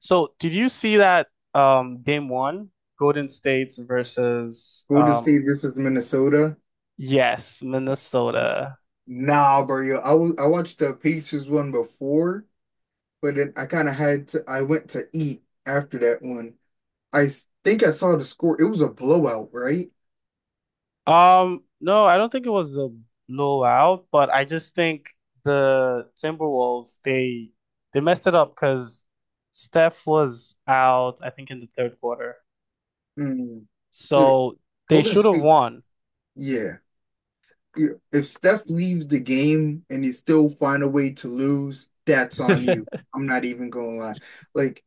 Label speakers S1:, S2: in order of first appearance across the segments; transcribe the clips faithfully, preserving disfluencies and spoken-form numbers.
S1: So, did you see that um game one, Golden State's versus
S2: Golden
S1: um
S2: State versus Minnesota.
S1: yes, Minnesota.
S2: Nah, bro. I was I watched the Pacers one before, but then I kind of had to. I went to eat after that one. I s- think I saw the score. It was a blowout, right?
S1: Um no, I don't think it was a blowout, but I just think the Timberwolves, they they messed it up because Steph was out, I think, in the third quarter.
S2: Mm. Yeah.
S1: So, they
S2: Golden
S1: should have
S2: State.
S1: won.
S2: Yeah. Yeah. If Steph leaves the game and they still find a way to lose, that's on you. I'm not even gonna lie. Like,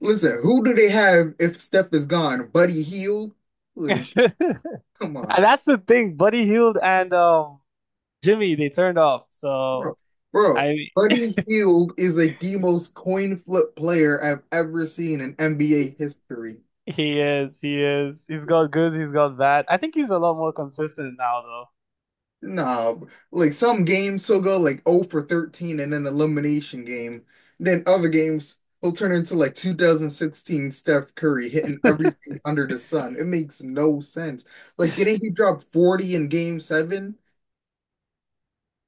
S2: listen, who do they have if Steph is gone? Buddy Hield? Like, come on.
S1: And that's the thing, Buddy Hield and um Jimmy, they turned off. So,
S2: Bro, bro,
S1: I.
S2: Buddy Hield is like the most coin flip player I've ever seen in N B A history.
S1: He is, he is. He's got good, he's got bad. I think he's a lot more consistent now
S2: Nah, bro. like some games he'll go like oh for thirteen in an elimination game. Then other games he'll turn into like two thousand sixteen Steph Curry hitting
S1: though.
S2: everything under the sun. It makes no sense. Like, didn't he drop forty in game seven?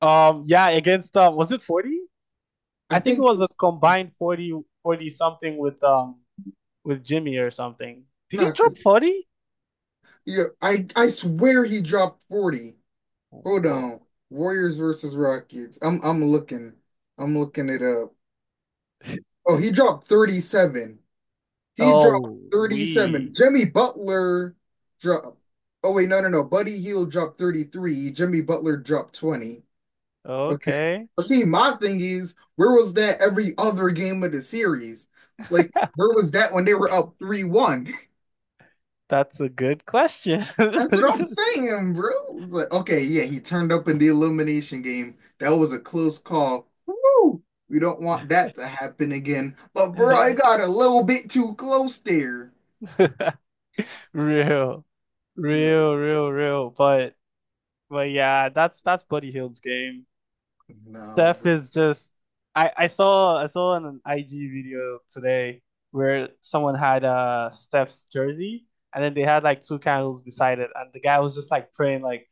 S1: Um, yeah, against um, was it forty?
S2: I
S1: I think it
S2: think it
S1: was a
S2: was
S1: combined forty, forty something with um with Jimmy or something. Did he
S2: not
S1: drop
S2: because
S1: forty?
S2: yeah, I I swear he dropped forty. Hold
S1: Whoa.
S2: on. Warriors versus Rockets. I'm I'm looking. I'm looking it up. Oh, he dropped thirty-seven. He dropped
S1: Oh, we.
S2: thirty-seven. Jimmy Butler dropped. Oh wait, no, no, no. Buddy Hield dropped thirty-three. Jimmy Butler dropped twenty. Okay.
S1: Okay.
S2: But see, my thing is, where was that every other game of the series? Like, where was that when they were up three one?
S1: That's a good question.
S2: That's what I'm saying, bro. It's like, okay, yeah, he turned up in the elimination game. That was a close call. Woo! We don't want that to happen again. But bro, I got a little bit too close there.
S1: Real.
S2: Like,
S1: Real, real, real. But but yeah, that's that's Buddy Hield's game.
S2: no,
S1: Steph
S2: bro.
S1: is just. I I saw I saw an I G video today where someone had uh Steph's jersey and then they had like two candles beside it and the guy was just like praying like,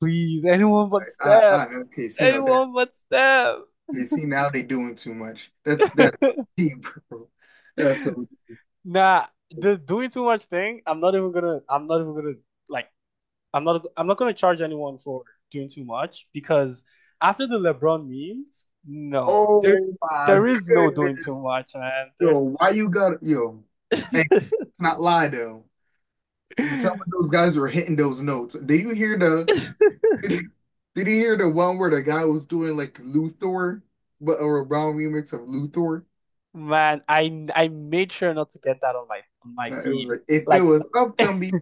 S1: please, anyone but
S2: I,
S1: Steph,
S2: I, okay, see, you know that's
S1: anyone but Steph.
S2: you see now they doing too much. That's that's deep, bro. That's a,
S1: Nah, the doing too much thing, I'm not even gonna I'm not even gonna, like, I'm not I'm not gonna charge anyone for doing too much because after the LeBron memes, no, there
S2: oh my
S1: there is no doing too
S2: goodness,
S1: much, man. There's.
S2: yo, why you got yo? Hey, let's not lie though. Some of those guys were hitting those notes. Did you hear the? Did you hear the one where the guy was doing like Luthor, but or a brown remix of Luthor?
S1: Man, I I made sure not to get that on my on my
S2: No, It was
S1: feed.
S2: like if it
S1: Like,
S2: was up to me,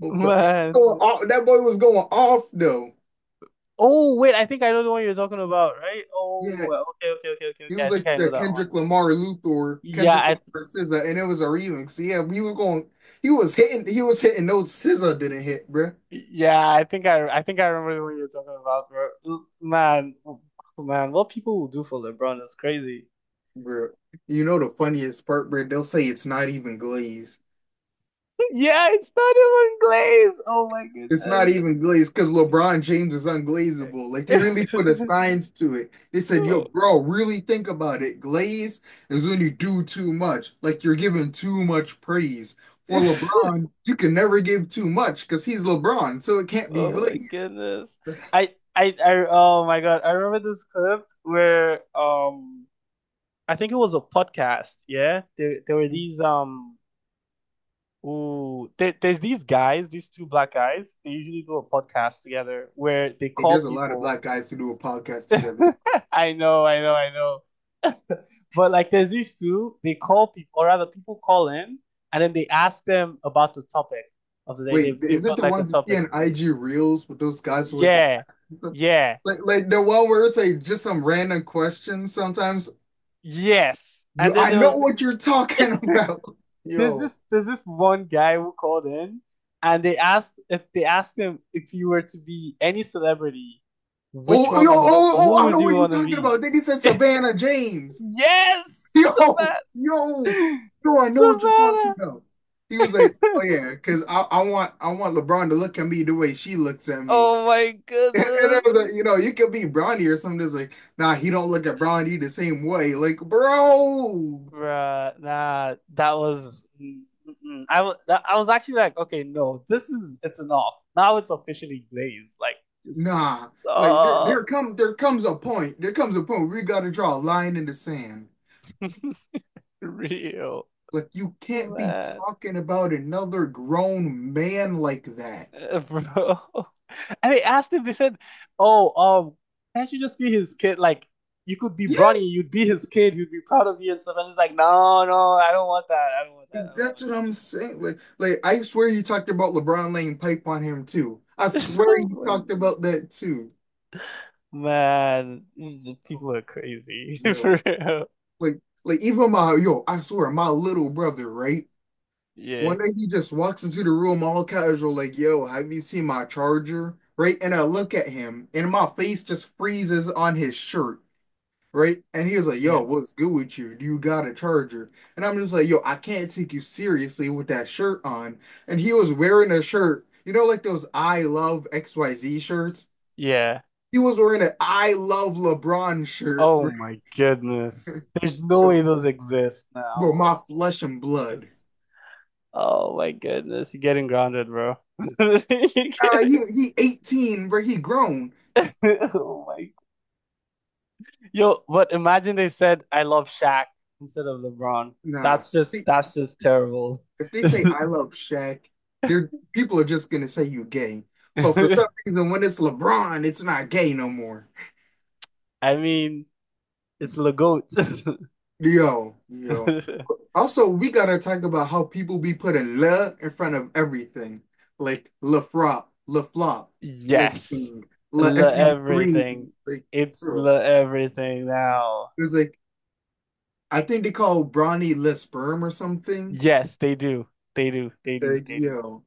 S2: but he was
S1: man.
S2: going off, that boy was going off though.
S1: Oh wait, I think I know the one you're talking about, right?
S2: Yeah,
S1: Oh, okay, okay, okay, okay,
S2: he
S1: okay. I
S2: was
S1: think
S2: like
S1: I know
S2: the
S1: that one.
S2: Kendrick Lamar Luthor,
S1: Yeah,
S2: Kendrick
S1: I
S2: Lamar SZA, and it was a remix. So yeah, he was going, he was hitting, he was hitting notes SZA didn't hit, bruh.
S1: yeah, I think I I think I remember the one you're talking about, bro. L- Man, oh, man, what people will do for LeBron is crazy.
S2: Bruh, you know the funniest part, bruh? They'll say it's not even glazed.
S1: Yeah, it's not even Glaze. Oh my
S2: It's not
S1: goodness.
S2: even glazed because LeBron James is unglazable. Like they really put a science to it. They said, "Yo, bro, really think about it. Glaze is when you do too much. Like you're giving too much praise." For
S1: Oh.
S2: LeBron, you can never give too much because he's LeBron, so it can't be
S1: Oh my
S2: glazed.
S1: goodness. I I I oh my God. I remember this clip where um I think it was a podcast, yeah. There there were these um ooh there, there's these guys, these two black guys, they usually do a podcast together where they
S2: Hey,
S1: call
S2: there's a lot of
S1: people.
S2: black guys who do a podcast together.
S1: I know, I know, I know. But like there's these two, they call people, or rather people call in, and then they ask them about the topic of the day.
S2: Wait,
S1: They've they've
S2: is it
S1: got
S2: the
S1: like a
S2: ones you see
S1: topic.
S2: on I G Reels with those guys with
S1: Yeah.
S2: the
S1: Yeah.
S2: like like the one where it's like just some random questions sometimes?
S1: Yes. And
S2: You,
S1: then
S2: I
S1: there was
S2: know what you're talking about,
S1: there's
S2: yo.
S1: this there's this one guy who called in, and they asked if they asked him, if you were to be any celebrity, which
S2: Oh, yo,
S1: one would
S2: oh,
S1: who
S2: oh, I
S1: would
S2: know
S1: you
S2: what you're
S1: want to
S2: talking
S1: be?
S2: about. Then he said Savannah James.
S1: Yes,
S2: Yo,
S1: Savannah.
S2: yo, yo, I know what you're talking
S1: Savannah.
S2: about. He was like, oh yeah, because I, I want I want LeBron to look at me the way she looks at me.
S1: Oh my
S2: And, I
S1: goodness.
S2: was like, you know, you could be Bronny or something that's like, nah, he don't look at Bronny the same way. Like, bro,
S1: Bruh, nah, that was mm-mm. I was I was actually like, okay, no, this is it's enough. Now it's officially Blaze. Like, just
S2: nah. Like there
S1: stop.
S2: there come there comes a point. There comes a point where we gotta draw a line in the sand.
S1: Real,
S2: Like you can't be
S1: man.
S2: talking about another grown man like that.
S1: Uh, bro. And they asked him. They said, "Oh, um, can't you just be his kid? Like, you could be
S2: Yeah.
S1: Bronny. You'd be his kid. He'd be proud of you and stuff." And he's like, "No, no, I don't want that. I don't want that.
S2: Like,
S1: I don't
S2: that's
S1: want
S2: what I'm saying. Like, like I swear you talked about LeBron laying pipe on him too. I
S1: that."
S2: swear
S1: So
S2: you
S1: like,
S2: talked about that too.
S1: man, these people are crazy for
S2: Yo.
S1: real.
S2: Like like even my yo, I swear my little brother, right?
S1: Yeah,
S2: One day he just walks into the room all casual, like, yo, have you seen my charger? Right? And I look at him and my face just freezes on his shirt. Right? And he was like, "Yo,
S1: yeah,
S2: what's good with you? Do you got a charger?" And I'm just like, "Yo, I can't take you seriously with that shirt on." And he was wearing a shirt, you know, like those I love X Y Z shirts.
S1: yeah.
S2: He was wearing an I love LeBron shirt,
S1: Oh
S2: bro.
S1: my goodness, there's no way
S2: Bro,
S1: those exist
S2: bro,
S1: now.
S2: my flesh and blood.
S1: That's- Oh my goodness, you're getting grounded, bro. You're.
S2: Uh, he he eighteen, bro. He grown.
S1: Oh my. Yo, but imagine they said I love Shaq instead of LeBron.
S2: Nah,
S1: That's just
S2: see,
S1: that's just terrible.
S2: if they say I love Shaq, they're people are just gonna say you gay. But for
S1: I
S2: some reason, when it's LeBron, it's not gay no more.
S1: mean, it's Le goat.
S2: Yo, yo. Also, we gotta talk about how people be putting le in front of everything. Like le frop, le flop, le
S1: Yes.
S2: king, le
S1: Le
S2: F U three.
S1: everything.
S2: Like,
S1: It's
S2: bro.
S1: le everything now.
S2: It's like, I think they call Bronny le sperm or something.
S1: Yes, they do. They do. They do.
S2: Like,
S1: They do.
S2: yo,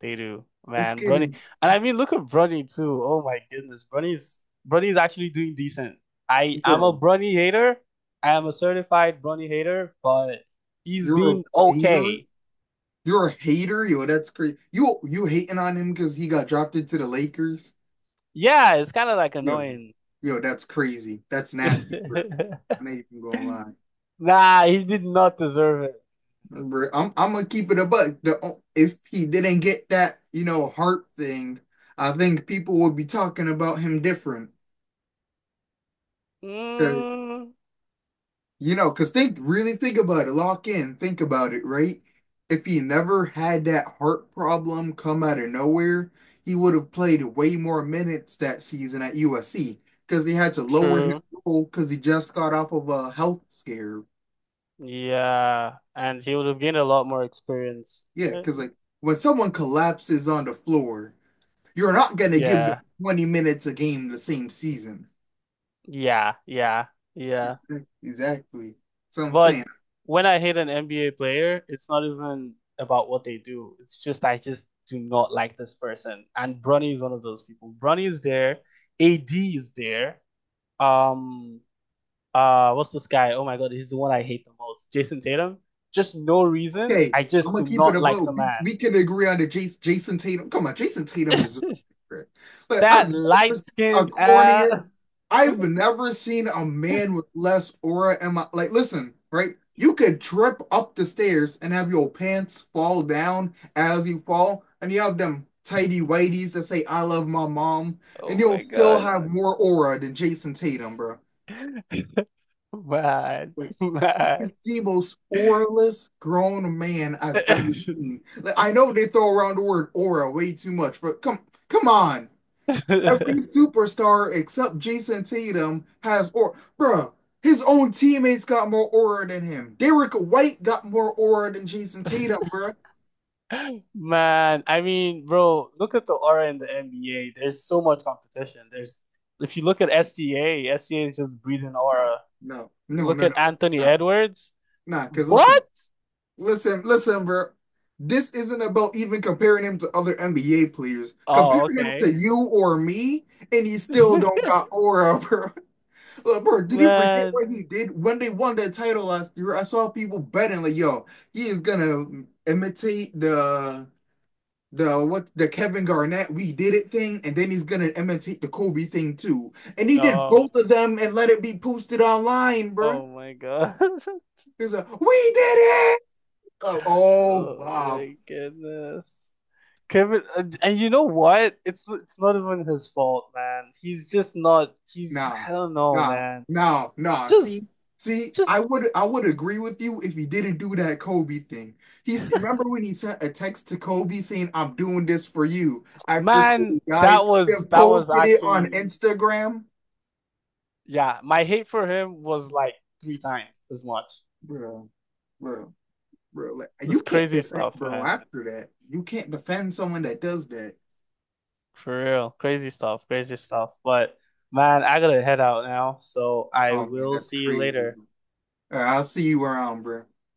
S1: They do,
S2: it's
S1: man. Bronny,
S2: getting,
S1: and I mean, look at Bronny too. Oh my goodness, Bronny's Bronny's actually doing decent. I I'm a
S2: bro,
S1: Bronny hater. I am a certified Bronny hater, but he's
S2: you're
S1: been
S2: a hater.
S1: okay.
S2: You're a hater, yo, that's crazy. You you hating on him because he got drafted to the Lakers?
S1: Yeah, it's kind of like
S2: Yo,
S1: annoying.
S2: yo, that's crazy. That's nasty, bro. I ain't even gonna lie.
S1: Nah, he did not deserve it.
S2: I'm I'm gonna keep it a buck. The, if he didn't get that, you know, heart thing, I think people would be talking about him different. 'Cause,
S1: Mm,
S2: you know, because think really think about it, lock in, think about it, right? If he never had that heart problem come out of nowhere, he would have played way more minutes that season at U S C because he had to lower his
S1: true.
S2: role because he just got off of a health scare.
S1: Yeah, and he would have gained a lot more experience.
S2: Yeah,
S1: Yeah,
S2: because like when someone collapses on the floor. You're not going to give them twenty minutes a game the same season.
S1: yeah, yeah, yeah.
S2: Exactly. So I'm
S1: But
S2: saying.
S1: when I hate an N B A player, it's not even about what they do. It's just I just do not like this person. And Bronny is one of those people. Bronny is there, A D is there. Um, uh, what's this guy? Oh my God, he's the one I hate the most. Jason Tatum. Just no reason.
S2: Okay,
S1: I
S2: I'm
S1: just
S2: gonna
S1: do
S2: keep it
S1: not like the
S2: above. We,
S1: man.
S2: we can agree on the Jason, Jason Tatum. Come on, Jason Tatum deserves it. But I've
S1: That
S2: never
S1: light
S2: seen a
S1: skinned
S2: cornier.
S1: ass.
S2: I've never seen a man with less aura. And my, like, listen, right? You could trip up the stairs and have your pants fall down as you fall, and you have them tidy whities that say "I love my mom," and
S1: Oh
S2: you'll
S1: my
S2: still
S1: God.
S2: have more aura than Jason Tatum, bro.
S1: Man,
S2: Like he
S1: man.
S2: is the most oralist grown man I've ever seen. Like I know they throw around the word aura way too much, but come come on. Every superstar except Jason Tatum has aura. Bruh, his own teammates got more aura than him. Derek White got more aura than Jason Tatum, bruh.
S1: Man, I mean, bro, look at the aura in the N B A. There's so much competition. There's If you look at S G A, S G A is just breathing
S2: No,
S1: aura.
S2: no, no,
S1: Look
S2: no, no,
S1: at Anthony
S2: nah,
S1: Edwards.
S2: nah. Because listen,
S1: What?
S2: Listen, listen, bro. This isn't about even comparing him to other N B A players. Compare
S1: Oh,
S2: him
S1: okay.
S2: to you or me, and he still don't got aura, bro. Look, bro, did you forget
S1: Man.
S2: what he did when they won that title last year? I saw people betting like, yo, he is gonna imitate the the what the Kevin Garnett we did it thing, and then he's gonna imitate the Kobe thing too. And he did
S1: Oh.
S2: both of them and let it be posted online, bro.
S1: Oh my God.
S2: He's like, we did it. Oh, oh,
S1: Oh
S2: wow,
S1: my goodness. Kevin, and and you know what? It's it's not even his fault, man. He's just not. He's
S2: nah,
S1: I don't know,
S2: nah,
S1: man.
S2: nah, nah.
S1: Just
S2: See, see,
S1: just
S2: I would I would agree with you if he didn't do that Kobe thing. He's remember when he sent a text to Kobe saying, I'm doing this for you after Kobe
S1: man, that
S2: died,
S1: was
S2: then
S1: that was
S2: posted it on
S1: actually,
S2: Instagram.
S1: yeah, my hate for him was like three times as much.
S2: Bro, bro, bro. Like,
S1: It's
S2: you can't
S1: crazy
S2: defend
S1: stuff,
S2: bro
S1: man.
S2: after that. You can't defend someone that does that.
S1: For real. Crazy stuff. Crazy stuff. But, man, I gotta head out now. So I
S2: Oh man,
S1: will
S2: that's
S1: see you
S2: crazy.
S1: later.
S2: All right, I'll see you around, bro.